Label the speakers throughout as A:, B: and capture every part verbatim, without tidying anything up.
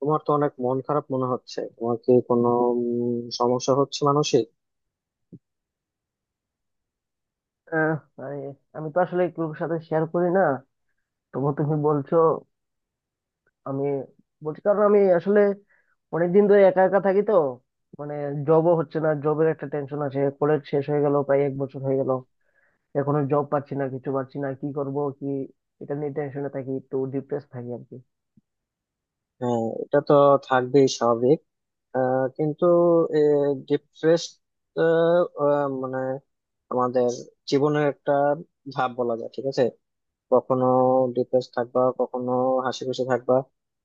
A: তোমার তো অনেক মন খারাপ মনে হচ্ছে। তোমার কি কোনো উম, সমস্যা হচ্ছে মানসিক?
B: আহ, আরে, আমি তো আসলে কারোর সাথে শেয়ার করি না, তবু তুমি বলছো। আমি বলছি কারণ আমি আসলে অনেকদিন ধরে একা একা থাকি তো। মানে জবও হচ্ছে না, জবের একটা টেনশন আছে। কলেজ শেষ হয়ে গেল, প্রায় এক বছর হয়ে গেল, এখনো জব পাচ্ছি না, কিছু পাচ্ছি না, কি করব কি। এটা নিয়ে টেনশনে থাকি, একটু ডিপ্রেস থাকি আর কি।
A: হ্যাঁ, এটা তো থাকবেই, স্বাভাবিক। আহ, কিন্তু ডিপ্রেস মানে আমাদের জীবনের একটা ধাপ বলা যায়, ঠিক আছে? কখনো ডিপ্রেস থাকবা, কখনো হাসি খুশি থাকবা।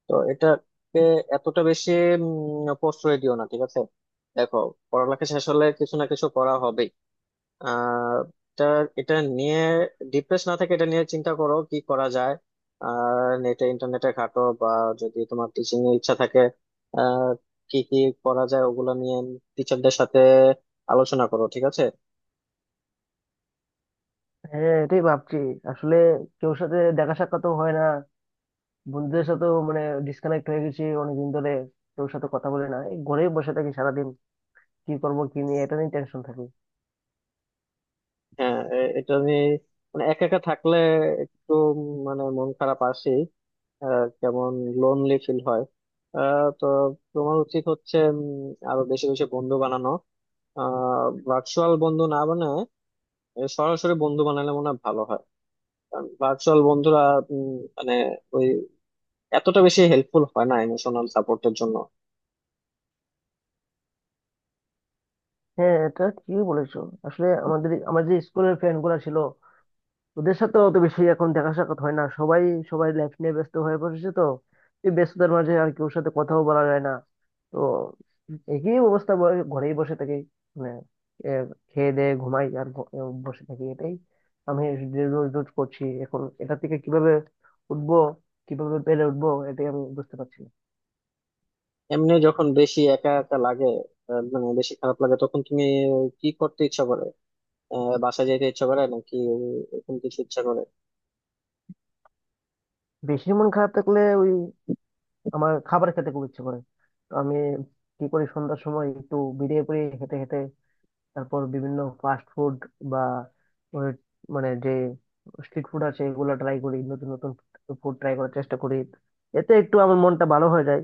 A: তো এটাকে এতটা বেশি উম, প্রশ্রয় দিও না, ঠিক আছে? দেখো, পড়ালেখা শেষ হলে কিছু না কিছু করা হবে। আহ এটা, এটা নিয়ে ডিপ্রেস না থাকে, এটা নিয়ে চিন্তা করো কি করা যায়। আর নেটে ইন্টারনেটে ঘাটো, বা যদি তোমার টিচিং এর ইচ্ছা থাকে, আহ কি কি করা যায় ওগুলো নিয়ে টিচারদের সাথে আলোচনা করো, ঠিক আছে?
B: হ্যাঁ, এটাই ভাবছি। আসলে কেউ সাথে দেখা সাক্ষাৎ হয় না, বন্ধুদের সাথেও। মানে ডিসকানেক্ট হয়ে গেছি অনেকদিন ধরে। কেউ সাথে কথা বলে না, এই ঘরেই বসে থাকি সারাদিন। কি করব, কি নিয়ে, এটা নিয়ে টেনশন থাকি।
A: হ্যাঁ, এ- এটা আমি মানে একা একা থাকলে একটু উম মানে মন খারাপ আসি। আহ, কেমন লোনলি ফিল হয়। আহ, তো তোমার উচিত হচ্ছে উম, আরো বেশি বেশি বন্ধু বানানো। আহ ভার্চুয়াল বন্ধু না বানায় এ সরাসরি বন্ধু বানালে মনে হয় ভালো হয়। কারণ ভার্চুয়াল বন্ধুরা উম, মানে ওই এতটা বেশি হেল্পফুল হয় না ইমোশনাল সাপোর্টের জন্য।
B: হ্যাঁ, এটা ঠিকই বলেছো। আসলে আমাদের আমাদের যে স্কুলের ফ্রেন্ড গুলা ছিল, ওদের সাথে অত বেশি এখন দেখা সাক্ষাৎ হয় না। সবাই সবাই লাইফ নিয়ে ব্যস্ত হয়ে পড়েছে তো। এই ব্যস্ততার মাঝে আর কেউ সাথে কথাও বলা যায় না। তো একই অবস্থা, ব- ঘরেই বসে থাকি। মানে এ, খেয়ে দেয়ে ঘুমাই আর ঘ- এ, বসে থাকি। এটাই আমি যে রোজ রোজ করছি। এখন এটা থেকে কিভাবে উঠবো, কিভাবে পেরে উঠবো, এটাই আমি বুঝতে পারছি না।
A: এমনি যখন বেশি একা একা লাগে, আহ, মানে বেশি খারাপ লাগে, তখন তুমি কি করতে ইচ্ছা করে? আহ, বাসায় যেতে ইচ্ছা করে, নাকি এরকম কিছু ইচ্ছা করে?
B: বেশি মন খারাপ থাকলে ওই আমার খাবার খেতে খুব ইচ্ছে করে। তো আমি কি করি, সন্ধ্যার সময় একটু বেরিয়ে পড়ি, হেঁটে হেঁটে। তারপর বিভিন্ন ফাস্ট ফুড বা ওই মানে যে স্ট্রিট ফুড আছে, এগুলো ট্রাই করি। নতুন নতুন ফুড ট্রাই করার চেষ্টা করি। এতে একটু আমার মনটা ভালো হয়ে যায়।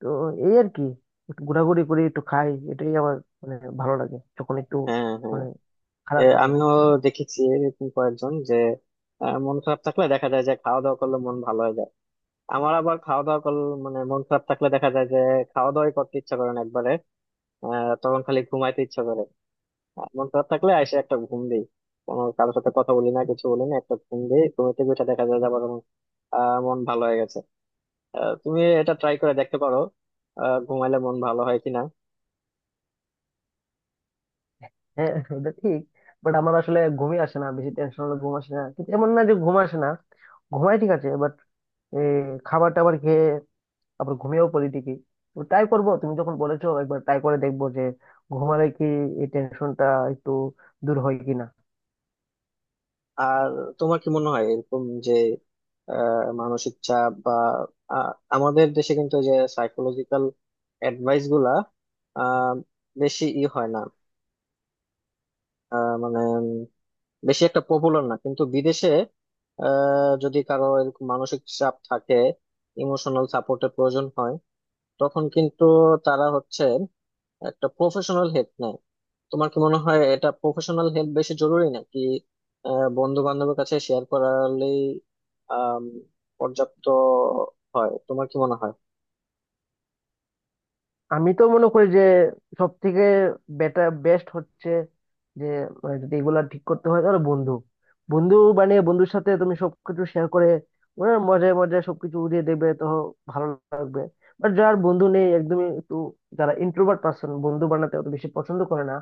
B: তো এই আর কি, একটু ঘোরাঘুরি করি, একটু খাই, এটাই আমার মানে ভালো লাগে যখন একটু
A: হ্যাঁ, হ্যাঁ।
B: মানে
A: এ,
B: খারাপ লাগে।
A: আমিও দেখেছি এরকম কয়েকজন যে আহ, মন খারাপ থাকলে দেখা যায় যে খাওয়া দাওয়া করলে মন ভালো হয়ে যায়। আমার আবার খাওয়া দাওয়া করলে, মানে মন খারাপ থাকলে দেখা যায় যে খাওয়া দাওয়াই করতে ইচ্ছা করে না একবারে। আহ, তখন খালি ঘুমাইতে ইচ্ছা করে। মন খারাপ থাকলে আইসে একটা ঘুম দেই, কোনো কারোর সাথে কথা বলি না, কিছু বলি না, একটা ঘুম দেই। ঘুম থেকে উঠে দেখা যায় যে আবার আমার আহ, মন ভালো হয়ে গেছে। আহ, তুমি এটা ট্রাই করে দেখতে পারো আহ, ঘুমাইলে মন ভালো হয় কিনা।
B: হ্যাঁ, এটা ঠিক। বাট আমার আসলে ঘুমই আসে না, বেশি টেনশন হলে ঘুম আসে না, কিন্তু এমন না যে ঘুম আসে না, ঘুমাই ঠিক আছে। এই খাবার টাবার খেয়ে আবার ঘুমিয়েও পড়ি ঠিকই। তো ট্রাই করব, তুমি যখন বলেছো একবার ট্রাই করে দেখবো যে ঘুমালে কি এই টেনশনটা একটু দূর হয় কিনা।
A: আর তোমার কি মনে হয় এরকম যে আহ, মানসিক চাপ বা আহ, আমাদের দেশে কিন্তু এই যে সাইকোলজিক্যাল অ্যাডভাইস গুলা আহ, বেশি ই হয় না, আহ, মানে বেশি একটা পপুলার না, কিন্তু বিদেশে আহ, যদি কারো এরকম মানসিক চাপ থাকে, ইমোশনাল সাপোর্টের প্রয়োজন হয়, তখন কিন্তু তারা হচ্ছে একটা প্রফেশনাল হেল্প নেয়। তোমার কি মনে হয় এটা প্রফেশনাল হেল্প বেশি জরুরি, নাকি বন্ধু বান্ধবের কাছে শেয়ার করালেই আম, পর্যাপ্ত হয়? তোমার কি মনে হয়?
B: আমি তো মনে করি যে সব থেকে বেটার বেস্ট হচ্ছে যে, মানে যদি এগুলা ঠিক করতে হয় তাহলে বন্ধু বন্ধু বানিয়ে বন্ধুর সাথে তুমি সবকিছু শেয়ার করে, ওরা মজায় মজায় সবকিছু উড়িয়ে দেবে তো, ভালো লাগবে। বাট যার বন্ধু নেই একদমই, একটু যারা ইন্ট্রোভার্ট পার্সন, বন্ধু বানাতে অত বেশি পছন্দ করে না,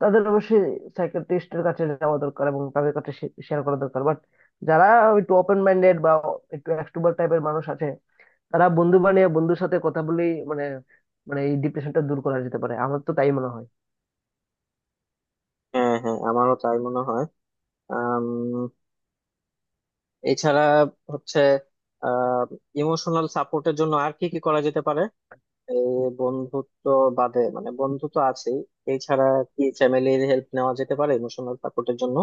B: তাদের অবশ্যই সাইকিয়াট্রিস্টের কাছে যাওয়া দরকার এবং তাদের কাছে শেয়ার করা দরকার। বাট যারা একটু ওপেন মাইন্ডেড বা একটু এক্সট্রোভার্ট টাইপের মানুষ আছে, তারা বন্ধু বানিয়ে বন্ধুর সাথে কথা বলে মানে, মানে এই ডিপ্রেশনটা দূর করা যেতে পারে, আমার তো তাই মনে হয়।
A: হ্যাঁ হ্যাঁ, আমারও তাই মনে হয়। আম, এছাড়া হচ্ছে ইমোশনাল সাপোর্টের জন্য আর কি কি করা যেতে পারে? এই বন্ধুত্ব বাদে, মানে বন্ধু তো আছেই, এছাড়া কি ফ্যামিলির হেল্প নেওয়া যেতে পারে ইমোশনাল সাপোর্টের জন্য?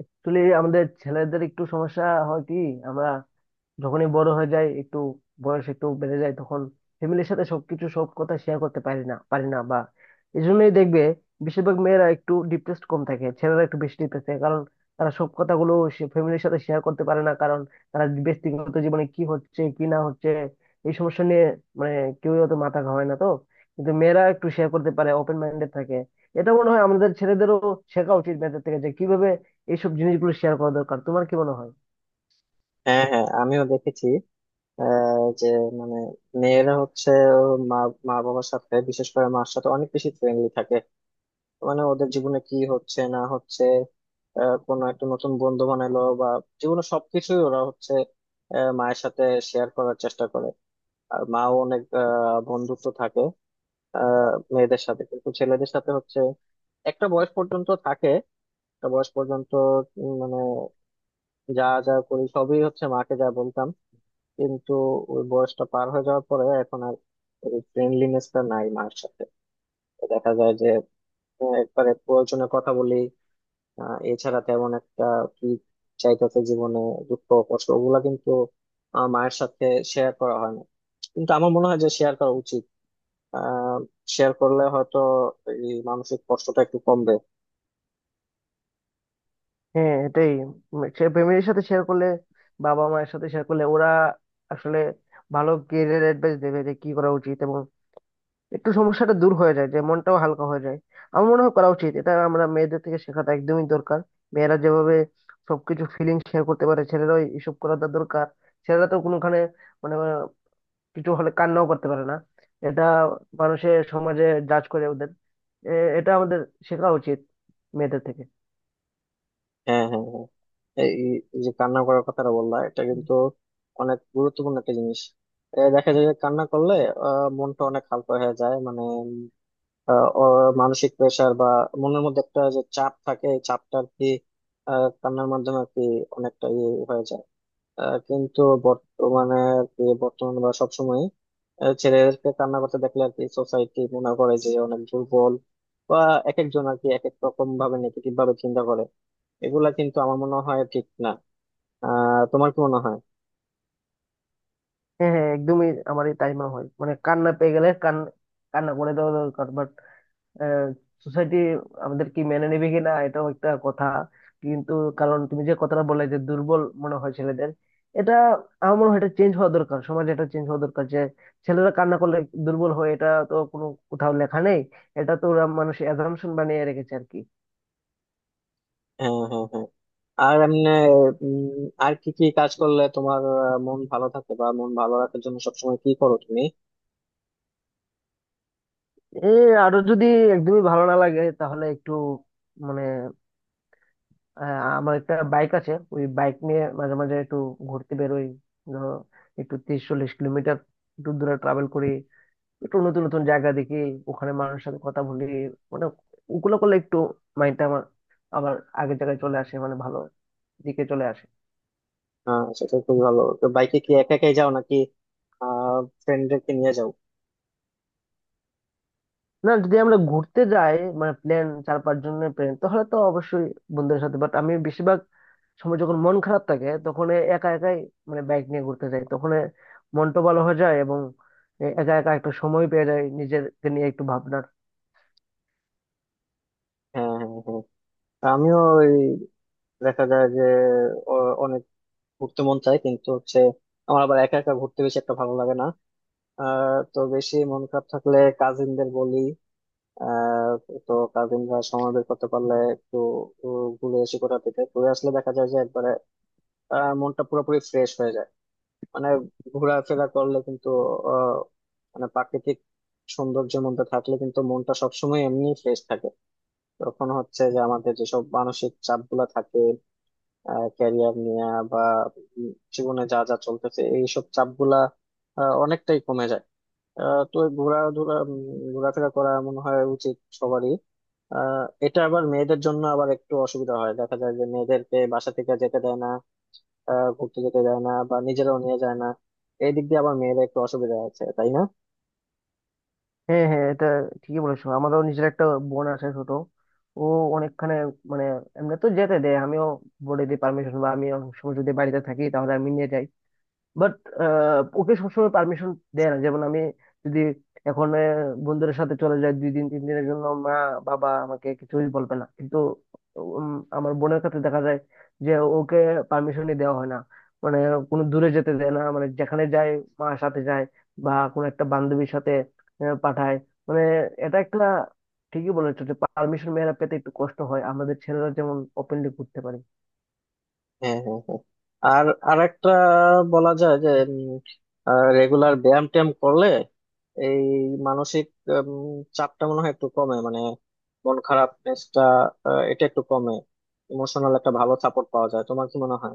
B: আসলে আমাদের ছেলেদের একটু সমস্যা হয় কি, আমরা যখনই বড় হয়ে যায়, একটু বয়স একটু বেড়ে যায়, তখন ফ্যামিলির সাথে সবকিছু সব কথা শেয়ার করতে পারি না পারি না বা এই জন্যই দেখবে বেশিরভাগ মেয়েরা একটু ডিপ্রেসড কম থাকে, ছেলেরা একটু বেশি ডিপ্রেস থাকে, কারণ তারা সব কথাগুলো ফ্যামিলির সাথে শেয়ার করতে পারে না। কারণ তারা ব্যক্তিগত জীবনে কি হচ্ছে কি না হচ্ছে এই সমস্যা নিয়ে মানে কেউই অত মাথা ঘামায় না তো। কিন্তু মেয়েরা একটু শেয়ার করতে পারে, ওপেন মাইন্ডেড থাকে। এটা মনে হয় আমাদের ছেলেদেরও শেখা উচিত মেয়েদের থেকে, যে কিভাবে এইসব জিনিসগুলো শেয়ার করা দরকার। তোমার কি মনে হয়?
A: হ্যাঁ হ্যাঁ, আমিও দেখেছি আহ, যে মানে মেয়েরা হচ্ছে ওর মা মা বাবার সাথে, বিশেষ করে মার সাথে অনেক বেশি ফ্রেন্ডলি থাকে। মানে ওদের জীবনে কি হচ্ছে না হচ্ছে, আহ, কোনো একটা নতুন বন্ধু বানালো বা জীবনে সবকিছুই ওরা হচ্ছে আহ, মায়ের সাথে শেয়ার করার চেষ্টা করে। আর মাও অনেক আহ, বন্ধুত্ব থাকে আহ মেয়েদের সাথে। কিন্তু ছেলেদের সাথে হচ্ছে একটা বয়স পর্যন্ত থাকে, একটা বয়স পর্যন্ত উম, মানে যা যা করি সবই হচ্ছে মাকে যা বলতাম। কিন্তু ওই বয়সটা পার হয়ে যাওয়ার পরে এখন আর ওই ফ্রেন্ডলিনেসটা নাই মার সাথে। তো দেখা যায় যে আহ, একবারে প্রয়োজনে কথা বলি, আহ, এছাড়া তেমন একটা কি চাইতেছে জীবনে, দুঃখ কষ্ট ওগুলা কিন্তু আহ, মায়ের সাথে শেয়ার করা হয় না। কিন্তু আমার মনে হয় যে শেয়ার করা উচিত। আহ শেয়ার করলে হয়তো এই মানসিক কষ্টটা একটু কমবে।
B: হ্যাঁ, এটাই, ফ্যামিলির সাথে শেয়ার করলে, বাবা মায়ের সাথে শেয়ার করলে ওরা আসলে ভালো কেরিয়ার অ্যাডভাইস দেবে যে কি করা উচিত, এবং একটু সমস্যাটা দূর হয়ে যায়, যে মনটাও হালকা হয়ে যায়। আমার মনে হয় করা উচিত, এটা আমরা মেয়েদের থেকে শেখাটা একদমই দরকার। মেয়েরা যেভাবে সবকিছু ফিলিং শেয়ার করতে পারে, ছেলেরাও এসব করাটা দরকার। ছেলেরা তো কোনোখানে মানে আহ, কিছু হলে কান্নাও করতে পারে না। এটা মানুষের সমাজে জাজ করে ওদের। এ- এটা আমাদের শেখা উচিত মেয়েদের থেকে।
A: হ্যাঁ হ্যাঁ হ্যাঁ। এই, এই যে কান্না করার কথাটা বললা, এটা কিন্তু অনেক গুরুত্বপূর্ণ একটা জিনিস। এ দেখা যায় যে কান্না করলে আহ, মনটা অনেক হালকা হয়ে যায়। মানে আহ, অ- মানসিক প্রেশার বা মনের মধ্যে একটা যে চাপ থাকে, এই চাপটা আর কি আহ, কান্নার মাধ্যমে আর কি অনেকটা ইয়ে হয়ে যায়। আহ, কিন্তু বর্তমানে আর কি বর্তমানে বা সবসময় ছেলেদেরকে কান্না করতে দেখলে আর কি সোসাইটি মনে করে যে অনেক দুর্বল, বা এক একজন আর কি এক এক রকম ভাবে নেগেটিভ ভাবে চিন্তা করে। এগুলা কিন্তু আমার মনে হয় ঠিক না। আহ তোমার কি মনে হয়?
B: হ্যাঁ হ্যাঁ, একদমই আমার এই তাই মনে হয়, মানে কান্না পেয়ে গেলে কান কান্না করে দেওয়া দরকার। বাট সোসাইটি আমাদের কি মেনে নেবে কিনা, এটাও একটা কথা। কিন্তু কারণ তুমি যে কথাটা বললে যে দুর্বল মনে হয় ছেলেদের, এটা আমার মনে হয় এটা চেঞ্জ হওয়া দরকার, সমাজে এটা চেঞ্জ হওয়া দরকার যে ছেলেরা কান্না করলে দুর্বল হয়, এটা তো কোনো কোথাও লেখা নেই। এটা তো ওরা মানুষ অ্যাজাম্পশন বানিয়ে রেখেছে আর কি।
A: হ্যাঁ হ্যাঁ হ্যাঁ। আর এমনি উম, আর কি কি কাজ করলে তোমার আহ, মন ভালো থাকে, বা মন ভালো রাখার জন্য সবসময় কি করো তুমি?
B: এ, আরো যদি একদমই ভালো না লাগে তাহলে একটু মানে আহ, আমার একটা বাইক আছে, ওই বাইক নিয়ে মাঝে মাঝে একটু ঘুরতে বেরোই। ধরো, একটু তিরিশ চল্লিশ কিলোমিটার একটু দূরে ট্রাভেল করি, একটু নতুন নতুন জায়গা দেখি, ওখানে মানুষের সাথে কথা বলি। মানে ওগুলো করলে একটু মাইন্ডটা আমার আবার আগের জায়গায় চলে আসে, মানে ভালো দিকে চলে আসে।
A: আহ সেটা খুবই ভালো। তো বাইকে কি একা একাই যাও, নাকি আহ ফ্রেন্ডদেরকে নিয়ে যাও?
B: না, যদি আমরা ঘুরতে যাই, মানে প্ল্যান, চার পাঁচ জনের প্ল্যান, তাহলে তো অবশ্যই বন্ধুদের সাথে। বাট আমি সময় যখন মন খারাপ থাকে তখন এ একা একাই মানে বাইক নিয়ে ঘুরতে যাই, তখন এ মনটা ভালো হয়ে যায়, এবং এ একা একা একটা সময় পেয়ে যায় নিজেকে নিয়ে একটু ভাবনার।
A: হ্যাঁ হ্যাঁ হ্যাঁ। আমিও দেখা যায় যে অ- অনেক ঘুরতে মন চায়, কিন্তু হচ্ছে আমার আবার একা একা ঘুরতে বেশি একটা ভালো লাগে না। আহ তো বেশি মন খারাপ থাকলে কাজিনদের বলি। আহ তো কাজিনরা সময় বের করতে পারলে একটু উ, ঘুরে আসি কোথা থেকে। ঘুরে আসলে দেখা যায় যে একবারে আহ, মনটা পুরোপুরি ফ্রেশ হয়ে যায়। মানে ঘোরাফেরা করলে কিন্তু আহ মানে প্রাকৃতিক সৌন্দর্যের মধ্যে থাকলে কিন্তু মনটা সবসময় এমনি ফ্রেশ থাকে। তখন হচ্ছে যে আমাদের যেসব মানসিক চাপ গুলা থাকে ক্যারিয়ার নিয়ে বা উম জীবনে যা যা চলতেছে এইসব চাপ গুলা অনেকটাই কমে যায়। আহ, তো এই ঘোরাধুরা উম, ঘোরাফেরা করা মনে হয় উচিত সবারই। আহ, এটা আবার মেয়েদের জন্য আবার একটু অসুবিধা হয়, দেখা যায় যে মেয়েদেরকে বাসা থেকে যেতে দেয় না, আহ, ঘুরতে যেতে দেয় না বা নিজেরাও নিয়ে যায় না। এই দিক দিয়ে আবার মেয়েদের একটু অসুবিধা আছে, তাই না?
B: হ্যাঁ হ্যাঁ, এটা ঠিকই বলেছো। আমারও নিজের একটা বোন আছে, ছোট। ও অনেকখানে মানে এমনি তো যেতে দেয়, আমিও বলে দিই পারমিশন, বা আমি অনেক সময় যদি বাড়িতে থাকি তাহলে আমি নিয়ে যাই। বাট ওকে সবসময় পারমিশন দেয় না। যেমন আমি যদি এখন আহ, বন্ধুদের সাথে চলে যাই দুই দিন তিন দিনের জন্য, মা বাবা আমাকে কিছুই বলবে না। কিন্তু উম, আমার বোনের ক্ষেত্রে দেখা যায় যে ওকে পারমিশনই দেওয়া হয় না। মানে কোনো দূরে যেতে দেয় না, মানে যেখানে যায় মার সাথে যায় বা কোনো একটা বান্ধবীর সাথে আহ, পাঠায়। মানে এটা একটা, ঠিকই বলেছো যে পারমিশন মেয়েরা পেতে একটু কষ্ট হয়, আমাদের ছেলেরা যেমন ওপেনলি ঘুরতে পারে।
A: হ্যাঁ হ্যাঁ হ্যাঁ। আর আরেকটা বলা যায় যে রেগুলার ব্যায়াম ট্যায়াম করলে এই মানসিক উম, চাপটা মনে হয় একটু কমে। মানে মন খারাপনেসটা এটা একটু কমে, ইমোশনাল একটা ভালো সাপোর্ট পাওয়া যায়। তোমার কি মনে হয়?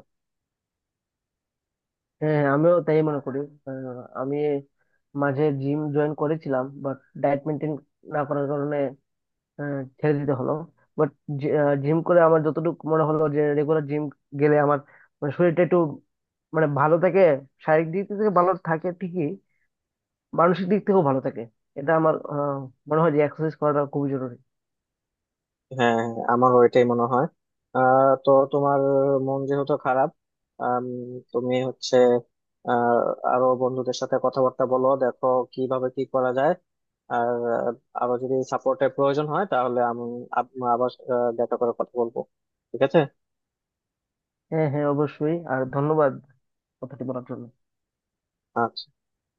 B: হ্যাঁ, আমিও তাই মনে করি। আহ, আমি মাঝে জিম জয়েন করেছিলাম, বাট ডায়েট মেনটেন না করার কারণে আহ, ছেড়ে দিতে হলো। বাট জিম করে আমার যতটুকু মনে হলো যে রেগুলার জিম গেলে আমার মানে শরীরটা একটু মানে ভালো থাকে, শারীরিক দিক থেকে ভালো থাকে ঠিকই, মানসিক দিক থেকেও ভালো থাকে। এটা আমার আহ, মনে হয় যে এক্সারসাইজ করাটা খুবই জরুরি।
A: হ্যাঁ হ্যাঁ, আমারও এটাই মনে হয়। আহ তো তোমার মন যেহেতু খারাপ, আম, তুমি হচ্ছে আহ আরো বন্ধুদের সাথে কথাবার্তা বলো, দেখো কিভাবে কি করা যায়। আর আহ, আরো যদি সাপোর্টের প্রয়োজন হয় তাহলে আমি আব- আবার আহ, দেখা করে কথা বলবো, ঠিক আছে?
B: হ্যাঁ হ্যাঁ, অবশ্যই। আর ধন্যবাদ কথাটি বলার জন্য।
A: আচ্ছা।